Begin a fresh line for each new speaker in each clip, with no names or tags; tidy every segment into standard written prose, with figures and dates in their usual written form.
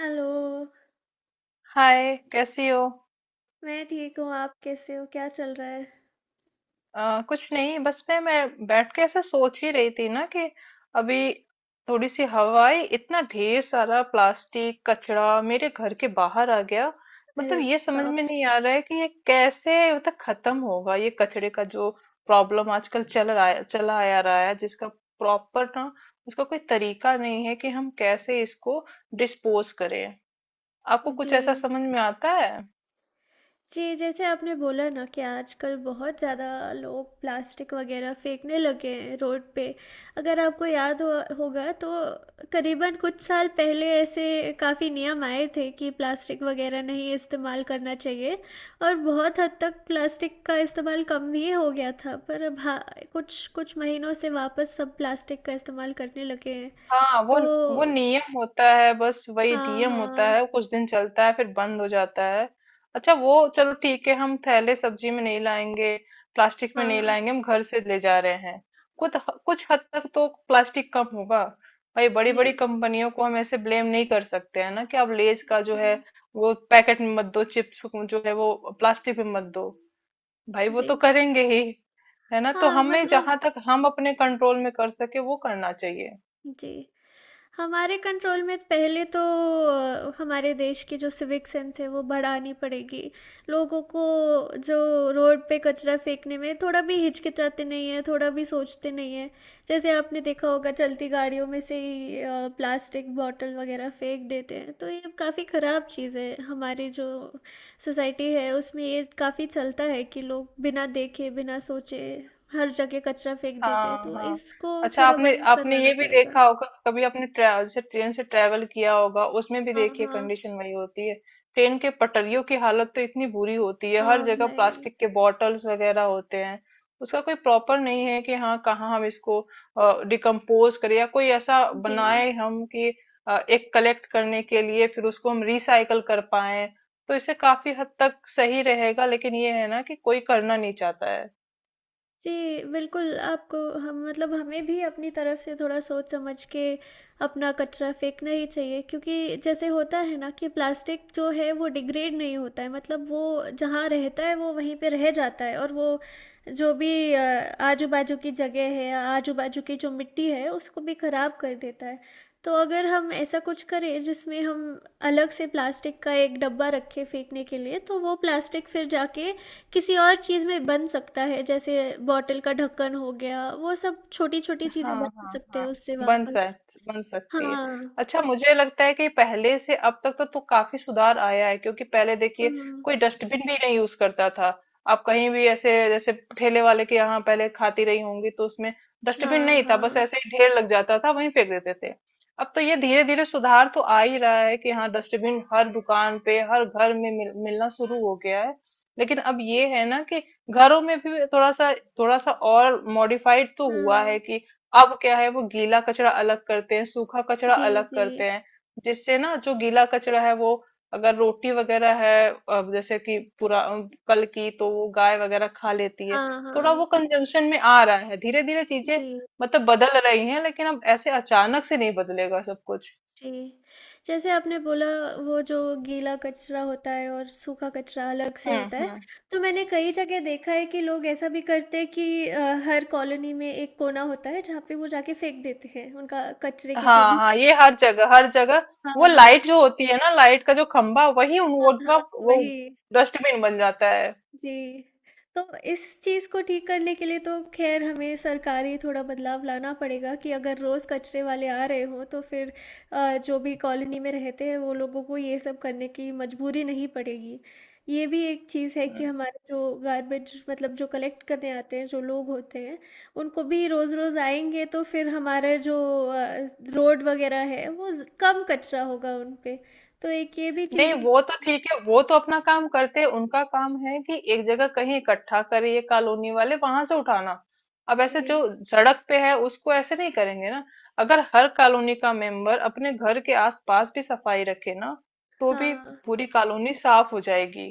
Hello,
hi, कैसी हो?
मैं ठीक हूँ, आप कैसे हो? क्या चल रहा है?
कुछ नहीं, बस मैं बैठ के ऐसे सोच ही रही थी ना कि अभी थोड़ी सी हवा आई, इतना ढेर सारा प्लास्टिक कचरा मेरे घर के बाहर आ गया।
अरे
मतलब ये समझ
बाप
में
रे!
नहीं आ रहा है कि ये कैसे मतलब खत्म होगा, ये कचरे का जो प्रॉब्लम आजकल चल रहा है, चला आ रहा है, जिसका प्रॉपर ना उसका कोई तरीका नहीं है कि हम कैसे इसको डिस्पोज करें। आपको कुछ ऐसा
जी।
समझ में आता है?
जी, जैसे आपने बोला ना कि आजकल बहुत ज़्यादा लोग प्लास्टिक वगैरह फेंकने लगे हैं रोड पे। अगर आपको याद हो होगा तो करीबन कुछ साल पहले ऐसे काफ़ी नियम आए थे कि प्लास्टिक वगैरह नहीं इस्तेमाल करना चाहिए और बहुत हद तक प्लास्टिक का इस्तेमाल कम भी हो गया था। पर अब हाँ, कुछ कुछ महीनों से वापस सब प्लास्टिक का इस्तेमाल करने लगे हैं।
हाँ, वो
तो
नियम होता है, बस वही
हाँ,
नियम होता
हाँ।
है, कुछ दिन चलता है फिर बंद हो जाता है। अच्छा, वो चलो ठीक है, हम थैले सब्जी में नहीं लाएंगे, प्लास्टिक में
हाँ,
नहीं
हाँ।
लाएंगे, हम घर से ले जा रहे हैं। कुछ कुछ हद तक तो प्लास्टिक कम होगा। भाई, बड़ी
जी।
बड़ी कंपनियों को हम ऐसे ब्लेम नहीं कर सकते हैं ना कि आप लेज
हुँ,
का जो है
हुँ।
वो पैकेट में मत दो, चिप्स को जो है वो प्लास्टिक में मत दो। भाई, वो
जी।
तो करेंगे ही। है ना, तो
हाँ,
हमें
मतलब
जहां तक हम अपने कंट्रोल में कर सके वो करना चाहिए।
जी। हमारे कंट्रोल में पहले तो हमारे देश की जो सिविक सेंस है वो बढ़ानी पड़ेगी। लोगों को जो रोड पे कचरा फेंकने में थोड़ा भी हिचकिचाते नहीं हैं, थोड़ा भी सोचते नहीं हैं। जैसे आपने देखा होगा चलती गाड़ियों में से ही प्लास्टिक बॉटल वगैरह फेंक देते हैं, तो ये काफ़ी ख़राब चीज़ है। हमारी जो सोसाइटी है उसमें ये काफ़ी चलता है कि लोग बिना देखे, बिना सोचे हर जगह कचरा फेंक देते हैं,
हाँ,
तो
हाँ।
इसको
अच्छा,
थोड़ा
आपने
बंद
आपने
करवाना
ये भी
पड़ेगा।
देखा होगा, कभी आपने ट्रैवल से, ट्रेन से ट्रैवल किया होगा, उसमें भी
हाँ,
देखिए
हाँ।
कंडीशन वही होती है। ट्रेन के पटरियों की हालत तो इतनी बुरी होती है, हर
हाँ
जगह
भाई,
प्लास्टिक के बॉटल्स वगैरह होते हैं। उसका कोई प्रॉपर नहीं है कि हाँ कहाँ हम इसको डिकम्पोज करें, या कोई ऐसा
जी।
बनाए हम कि एक कलेक्ट करने के लिए, फिर उसको हम रिसाइकल कर पाए, तो इससे काफी हद तक सही रहेगा। लेकिन ये है ना कि कोई करना नहीं चाहता है।
जी, बिल्कुल आपको हम मतलब हमें भी अपनी तरफ से थोड़ा सोच समझ के अपना कचरा फेंकना ही चाहिए क्योंकि जैसे होता है ना कि प्लास्टिक जो है वो डिग्रेड नहीं होता है मतलब वो जहाँ रहता है वो वहीं पे रह जाता है और वो जो भी आजू-बाजू की जगह है, आजू-बाजू की जो मिट्टी है उसको भी खराब कर देता है। तो अगर हम ऐसा कुछ करें जिसमें हम अलग से प्लास्टिक का एक डब्बा रखें फेंकने के लिए तो वो प्लास्टिक फिर जाके किसी और चीज़ में बन सकता है, जैसे बॉटल का ढक्कन हो गया, वो सब छोटी-छोटी
हाँ,
चीज़ें बना
हाँ,
सकते हैं
हाँ।
उससे
बन
वापस।
सक बन सकती है।
हाँ।
अच्छा, मुझे लगता है कि पहले से अब तक तो काफी सुधार आया है, क्योंकि पहले देखिए
हुँ,
कोई डस्टबिन भी नहीं यूज करता था। आप कहीं भी ऐसे, जैसे ठेले वाले के यहाँ पहले खाती रही होंगी, तो उसमें डस्टबिन
हाँ,
नहीं था, बस
हाँ।
ऐसे ही ढेर लग जाता था, वहीं फेंक देते थे। अब तो ये धीरे धीरे सुधार तो आ ही रहा है कि हाँ डस्टबिन हर दुकान पे हर घर में मिलना शुरू हो गया है। लेकिन अब ये है ना कि घरों में भी थोड़ा सा और मॉडिफाइड तो हुआ
हुँ।
है कि अब क्या है, वो गीला कचरा अलग करते हैं, सूखा कचरा
जी,
अलग
जी।
करते हैं। जिससे ना जो गीला कचरा है वो, अगर रोटी वगैरह है, अब जैसे कि पूरा कल की, तो वो गाय वगैरह खा लेती है।
हाँ,
थोड़ा
हाँ।
वो कंजम्पशन में आ रहा है, धीरे धीरे चीजें
जी,
मतलब बदल रही हैं, लेकिन अब ऐसे अचानक से नहीं बदलेगा सब कुछ।
जी। जैसे आपने बोला वो जो गीला कचरा होता है और सूखा कचरा अलग से
हम्म,
होता है,
हम्म।
तो मैंने कई जगह देखा है कि लोग ऐसा भी करते हैं कि हर कॉलोनी में एक कोना होता है जहाँ पे वो जाके फेंक देते हैं, उनका कचरे के जो
हाँ,
भी
हाँ, ये हर जगह, हर जगह
हाँ,
वो
हाँ।
लाइट जो होती है ना, लाइट का जो खंभा, वही उन
हाँ, हाँ,
वो
वही।
डस्टबिन बन जाता है।
जी, तो इस चीज़ को ठीक करने के लिए तो ख़ैर हमें सरकारी थोड़ा बदलाव लाना पड़ेगा कि अगर रोज़ कचरे वाले आ रहे हों, तो फिर जो भी कॉलोनी में रहते हैं, वो लोगों को ये सब करने की मजबूरी नहीं पड़ेगी। ये भी एक चीज़ है कि हमारे जो गार्बेज मतलब जो कलेक्ट करने आते हैं, जो लोग होते हैं, उनको भी रोज़-रोज़ आएँगे, तो फिर हमारे जो अ, रोड वग़ैरह है, वो ज़ कम कचरा होगा उन पे। तो एक ये भी
नहीं,
चीज़
वो तो ठीक है, वो तो अपना काम करते हैं, उनका काम है कि एक जगह कहीं इकट्ठा करिए कॉलोनी वाले, वहां से उठाना। अब ऐसे जो
जी,
सड़क पे है उसको ऐसे नहीं करेंगे ना। अगर हर कॉलोनी का मेंबर अपने घर के आसपास भी सफाई रखे ना, तो भी
हाँ।
पूरी कॉलोनी साफ हो जाएगी।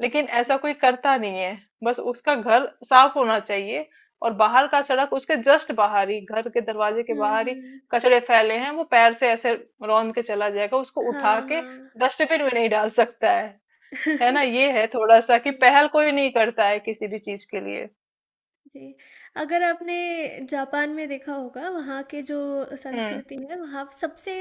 लेकिन ऐसा कोई करता नहीं है, बस उसका घर साफ होना चाहिए। और बाहर का सड़क, उसके जस्ट बाहर ही, घर के दरवाजे के
हुँ,
बाहर ही
हुँ।
कचड़े फैले हैं, वो पैर से ऐसे रौंद के चला जाएगा, उसको उठा
हाँ,
के
हाँ।
डस्टबिन में नहीं डाल सकता है। है ना, ये है थोड़ा सा कि
जी।
पहल कोई नहीं करता है किसी भी चीज के लिए।
जी, अगर आपने जापान में देखा होगा, वहाँ के जो
हम्म,
संस्कृति है, वहाँ सबसे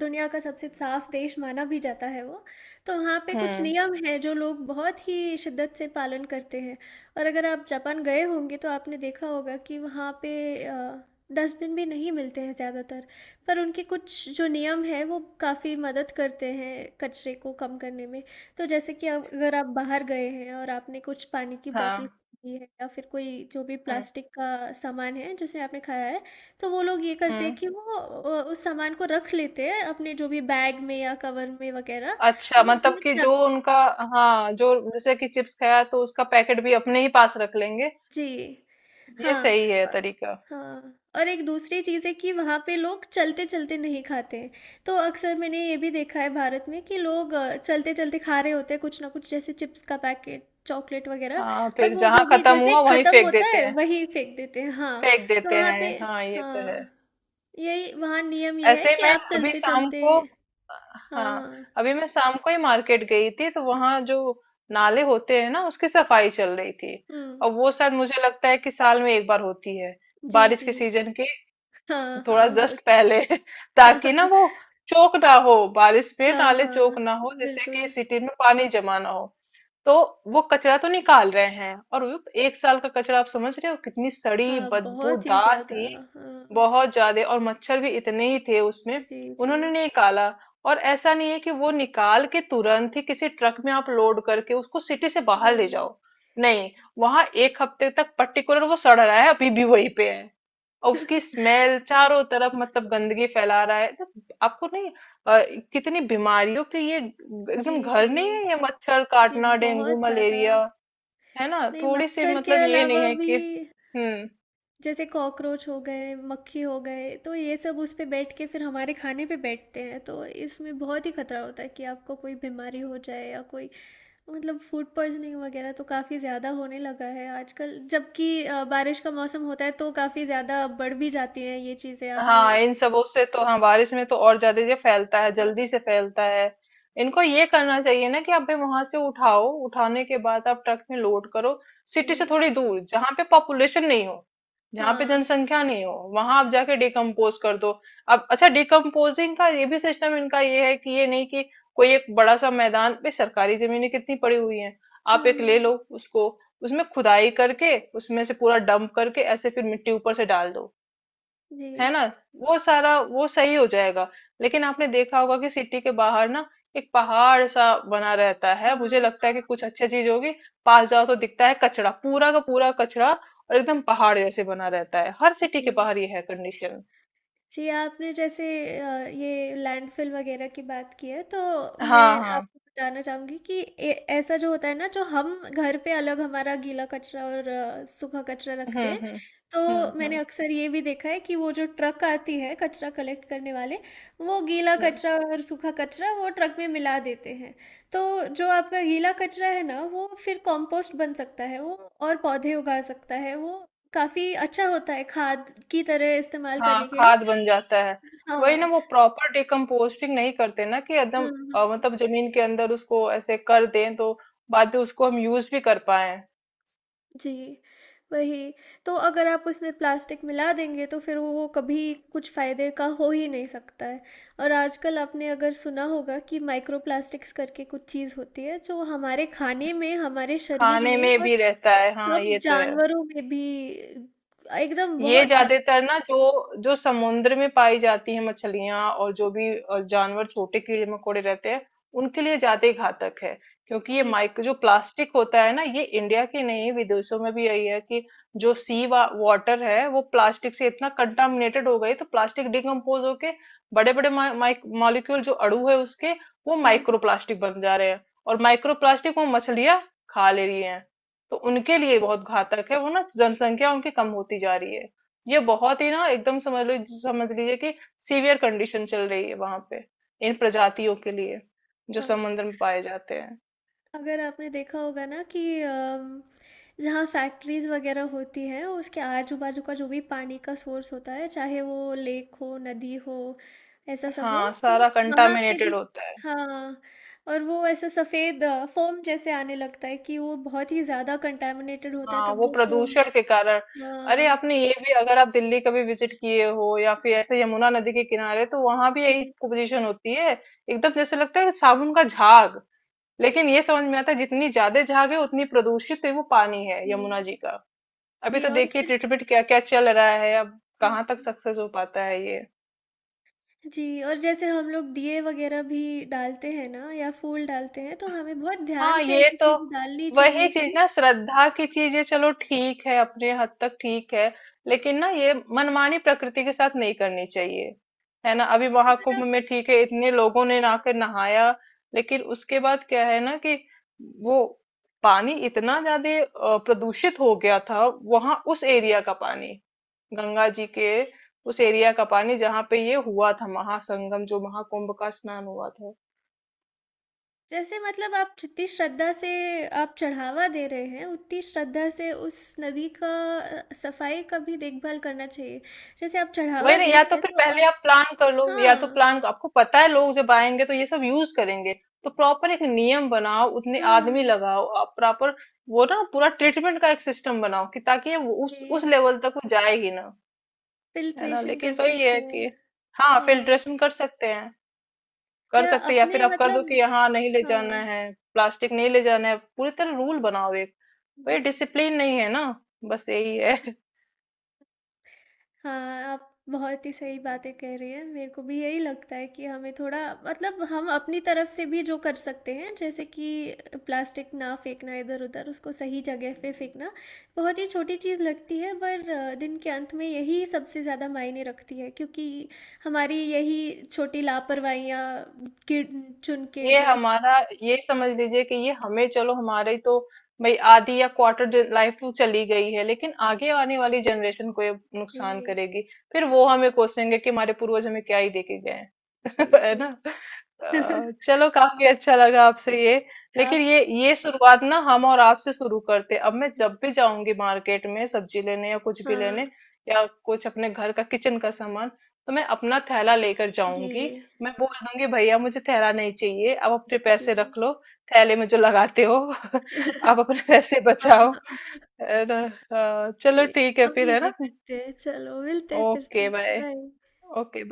दुनिया का सबसे साफ़ देश माना भी जाता है वो। तो वहाँ पे कुछ
हम्म।
नियम हैं जो लोग बहुत ही शिद्दत से पालन करते हैं और अगर आप जापान गए होंगे तो आपने देखा होगा कि वहाँ पे डस्टबिन भी नहीं मिलते हैं ज़्यादातर, पर उनके कुछ जो नियम हैं वो काफ़ी मदद करते हैं कचरे को कम करने में। तो जैसे कि अब अगर आप बाहर गए हैं और आपने कुछ पानी की बॉटल
हाँ।
ये है या फिर कोई जो भी
हम्म,
प्लास्टिक का सामान है जैसे आपने खाया है, तो वो लोग ये करते हैं
हम्म।
कि वो उस सामान को रख लेते हैं अपने जो भी बैग में या कवर में वगैरह
अच्छा,
और वो
मतलब
घर
कि जो
जाके
उनका, हाँ, जो जैसे कि चिप्स खाया तो उसका पैकेट भी अपने ही पास रख लेंगे।
जी।
ये
हाँ
सही है
अ,
तरीका।
हाँ और एक दूसरी चीज़ है कि वहाँ पे लोग चलते-चलते नहीं खाते हैं। तो अक्सर मैंने ये भी देखा है भारत में कि लोग चलते-चलते खा रहे होते हैं कुछ ना कुछ जैसे चिप्स का पैकेट, चॉकलेट वग़ैरह
हाँ,
और
फिर
वो जो
जहाँ
भी
खत्म
जैसे
हुआ वहीं
ख़त्म
फेंक
होता
देते
है
हैं।
वही फेंक देते हैं। हाँ,
फेंक
तो
देते
वहाँ पे
हैं, हाँ, ये तो है।
हाँ, यही वहाँ नियम ये है
ऐसे ही
कि
मैं
आप
अभी शाम
चलते-चलते
को,
हाँ,
हाँ,
हाँ।
अभी मैं शाम को ही मार्केट गई थी, तो वहां जो नाले होते हैं ना उसकी सफाई चल रही थी।
हुँ।
और वो शायद मुझे लगता है कि साल में एक बार होती है,
जी,
बारिश
जी।
के सीजन के
हाँ,
थोड़ा
हाँ,
जस्ट
होती
पहले, ताकि ना वो चोक ना हो, बारिश में
हाँ,
नाले
हाँ,
चोक ना हो, जिससे कि
बिल्कुल।
सिटी में पानी जमा ना हो। तो वो कचरा तो निकाल रहे हैं, और वो एक साल का कचरा, आप समझ रहे हो, कितनी सड़ी
हाँ, बहुत ही
बदबूदार
ज़्यादा।
थी।
हाँ।
बहुत ज्यादा, और मच्छर भी इतने ही थे उसमें,
जी, जी।
उन्होंने नहीं निकाला। और ऐसा नहीं है कि वो निकाल के तुरंत ही किसी ट्रक में आप लोड करके उसको सिटी से बाहर ले
नहीं।
जाओ, नहीं। वहां एक हफ्ते तक पर्टिकुलर वो सड़ रहा है, अभी भी वहीं पे है। और उसकी स्मेल चारों तरफ, मतलब गंदगी फैला रहा है, तो आपको नहीं, अ, कितनी बीमारियों के ये
जी,
एकदम घर
जी।
नहीं है? ये मच्छर
जी,
काटना, डेंगू,
बहुत ज़्यादा।
मलेरिया। है ना,
नहीं,
थोड़ी सी
मच्छर के
मतलब ये नहीं
अलावा
है
भी
कि, हम्म।
जैसे कॉकरोच हो गए, मक्खी हो गए, तो ये सब उस पे बैठ के फिर हमारे खाने पे बैठते हैं, तो इसमें बहुत ही खतरा होता है कि आपको कोई बीमारी हो जाए या कोई मतलब फूड पॉइज़निंग वगैरह तो काफ़ी ज़्यादा होने लगा है आजकल। जबकि बारिश का मौसम होता है तो काफ़ी ज़्यादा बढ़ भी जाती हैं ये चीज़ें आपने
हाँ,
देखी
इन सबों से तो, हाँ, बारिश में तो और ज्यादा ये फैलता है,
हाँ,
जल्दी से फैलता है। इनको ये करना चाहिए ना कि आप भाई वहां से उठाओ, उठाने के बाद आप ट्रक में लोड करो,
जी।
सिटी से थोड़ी दूर जहाँ पे पॉपुलेशन नहीं हो, जहाँ पे
हाँ।
जनसंख्या नहीं हो, वहां आप जाके डिकम्पोज कर दो। अब अच्छा, डिकम्पोजिंग का ये भी सिस्टम इनका ये है कि ये नहीं कि कोई एक बड़ा सा मैदान पे, सरकारी जमीनें कितनी पड़ी हुई हैं, आप
हुँ,
एक ले
हुँ।
लो, उसको उसमें खुदाई करके उसमें से पूरा डंप करके, ऐसे फिर मिट्टी ऊपर से डाल दो।
जी।
है ना, वो सारा वो सही हो जाएगा। लेकिन आपने देखा होगा कि सिटी के बाहर ना एक पहाड़ सा बना रहता है, मुझे
हाँ,
लगता है कि
हाँ,
कुछ अच्छा चीज होगी, पास जाओ तो दिखता है कचरा, पूरा का पूरा कचरा, और एकदम पहाड़ जैसे बना रहता है हर सिटी
जी।
के बाहर, ये है कंडीशन।
जी, आपने जैसे ये लैंडफ़िल वग़ैरह की बात की है, तो
हाँ,
मैं
हाँ।
आपको बताना चाहूँगी कि ए ऐसा जो होता है ना, जो हम घर पे अलग हमारा गीला कचरा और सूखा कचरा
हम्म,
रखते हैं,
हम्म।
तो
हम्म,
मैंने
हम्म।
अक्सर ये भी देखा है कि वो जो ट्रक आती है कचरा कलेक्ट करने वाले, वो गीला
हम्म,
कचरा और सूखा कचरा वो ट्रक में मिला देते हैं। तो जो आपका गीला कचरा है ना, वो फिर कंपोस्ट बन सकता है वो और पौधे उगा सकता है, वो काफ़ी अच्छा होता है खाद की तरह इस्तेमाल
हाँ,
करने के
खाद
लिए।
बन जाता है। वही ना,
हाँ,
वो प्रॉपर डिकम्पोस्टिंग नहीं करते ना, कि
हुँ,
एकदम
हुँ।
मतलब जमीन के अंदर उसको ऐसे कर दें, तो बाद में उसको हम यूज भी कर पाए।
जी, वही। तो अगर आप उसमें प्लास्टिक मिला देंगे तो फिर वो कभी कुछ फ़ायदे का हो ही नहीं सकता है। और आजकल आपने अगर सुना होगा कि माइक्रो प्लास्टिक्स करके कुछ चीज़ होती है जो हमारे खाने में, हमारे शरीर
खाने
में
में
और
भी रहता है, हाँ,
सब
ये तो है।
जानवरों में भी एकदम
ये
बहुत ज़्या
ज्यादातर ना जो जो समुद्र में पाई जाती है मछलियां, और जो भी जानवर, छोटे कीड़े मकोड़े रहते हैं, उनके लिए ज्यादा ही घातक है। क्योंकि ये
जी।
माइक्रो जो प्लास्टिक होता है ना, ये इंडिया के नहीं, विदेशों में भी यही है कि जो सी वाटर है वो प्लास्टिक से इतना कंटामिनेटेड हो गई, तो प्लास्टिक डिकम्पोज होके बड़े बड़े मॉलिक्यूल, जो अणु है उसके, वो
हुँ, हुँ,
माइक्रो प्लास्टिक बन जा रहे हैं। और माइक्रो प्लास्टिक वो मछलियां खा ले रही हैं, तो उनके लिए
हुँ।
बहुत घातक है, वो ना जनसंख्या उनकी कम होती जा रही है। ये बहुत ही ना, एकदम समझ लो, समझ लीजिए कि सीवियर कंडीशन चल रही है वहां पे, इन प्रजातियों के लिए जो
हाँ।
समुद्र में पाए जाते हैं।
अगर आपने देखा होगा ना कि जहाँ फैक्ट्रीज़ वगैरह होती हैं उसके आजू बाजू का जो भी पानी का सोर्स होता है चाहे वो लेक हो नदी हो ऐसा सब हो
हाँ,
तो
सारा
वहाँ पे भी
कंटामिनेटेड होता है।
हाँ और वो ऐसा सफ़ेद फोम जैसे आने लगता है कि वो बहुत ही ज़्यादा कंटेमिनेटेड होता है
हाँ,
तब
वो
वो फोम
प्रदूषण के कारण। अरे,
हाँ
आपने ये भी, अगर आप दिल्ली कभी विजिट किए हो, या फिर ऐसे यमुना नदी के किनारे, तो वहां भी
जी
यही
जी
पोजीशन होती है। एकदम जैसे लगता है साबुन का झाग, लेकिन ये समझ में आता है, जितनी ज्यादा झाग है उतनी प्रदूषित है वो पानी है,
जी
यमुना जी का। अभी
जी
तो
और
देखिए
फिर
ट्रीटमेंट क्या क्या चल रहा है, अब कहाँ तक
हम्म,
सक्सेस हो पाता है ये।
जी, और जैसे हम लोग दिए वग़ैरह भी डालते हैं ना या फूल डालते हैं, तो हमें बहुत ध्यान
हाँ,
से
ये
ऐसी
तो
चीज़ें डालनी
वही
चाहिए
चीज
कि
ना, श्रद्धा की चीजें चलो ठीक है, अपने हद तक ठीक है, लेकिन ना ये मनमानी प्रकृति के साथ नहीं करनी चाहिए। है ना, अभी
अगर
महाकुंभ
आप
में ठीक है, इतने लोगों
हाँ,
ने आकर नहाया, लेकिन उसके बाद क्या है ना कि वो पानी इतना ज्यादा प्रदूषित हो गया था, वहां उस एरिया का पानी, गंगा जी के उस एरिया का पानी, जहाँ पे ये हुआ था महासंगम, जो महाकुंभ का स्नान हुआ था।
जैसे मतलब आप जितनी श्रद्धा से आप चढ़ावा दे रहे हैं, उतनी श्रद्धा से उस नदी का सफाई का भी देखभाल करना चाहिए। जैसे आप
वही
चढ़ावा
ना,
दे
या
रहे
तो
हैं,
फिर
तो
पहले
आप
आप प्लान कर लो, या तो
हाँ,
प्लान आपको पता है, लोग जब आएंगे तो ये सब यूज करेंगे, तो प्रॉपर एक नियम बनाओ, उतने आदमी
हुँ,
लगाओ, आप प्रॉपर वो ना पूरा ट्रीटमेंट का एक सिस्टम बनाओ, कि ताकि ये वो उस
जी,
लेवल तक वो जाए ही ना। है ना,
फ़िल्ट्रेशन कर
लेकिन वही
सकते
है
हैं।
कि हाँ,
हाँ,
फिल्ट्रेशन कर सकते हैं, कर
या
सकते हैं, या
अपने
फिर आप कर दो
मतलब
कि यहाँ नहीं ले जाना
हाँ,
है, प्लास्टिक नहीं ले जाना है, पूरी तरह रूल बनाओ एक। वही,
जी।
डिसिप्लिन नहीं है ना, बस यही है।
हाँ, आप बहुत ही सही बातें कह रही हैं। मेरे को भी यही लगता है कि हमें थोड़ा मतलब हम अपनी तरफ से भी जो कर सकते हैं, जैसे कि प्लास्टिक ना फेंकना इधर-उधर, उसको सही जगह पे फेंकना। बहुत ही छोटी चीज़ लगती है पर दिन के अंत में यही सबसे ज़्यादा मायने रखती है क्योंकि हमारी यही छोटी लापरवाहियाँ गिन चुन के
ये
बड़
हमारा ये
हाँ।
समझ लीजिए कि ये हमें, चलो हमारी तो भाई आधी या क्वार्टर लाइफ तो चली गई है, लेकिन आगे आने वाली जनरेशन को ये नुकसान
जी,
करेगी। फिर वो हमें कोसेंगे कि हमारे पूर्वज हमें क्या ही देके गए हैं।
जी,
है ना।
जी।
चलो, काफी अच्छा लगा आपसे ये। लेकिन
आप
ये शुरुआत ना हम और आपसे शुरू करते, अब मैं जब भी जाऊंगी मार्केट में सब्जी लेने या कुछ भी लेने,
हाँ,
या कुछ अपने घर का किचन का सामान, तो मैं अपना थैला लेकर
जी,
जाऊंगी। मैं बोल दूंगी भैया मुझे थैला नहीं चाहिए, आप अपने
जी।
पैसे रख लो, थैले में जो लगाते हो, आप अपने पैसे
हाँ,
बचाओ।
हाँ।
है ना? हाँ, चलो
जी,
ठीक है
हम
फिर,
भी
है
नहीं
ना।
करते हैं। चलो, मिलते हैं फिर
ओके,
से।
बाय।
बाय।
ओके।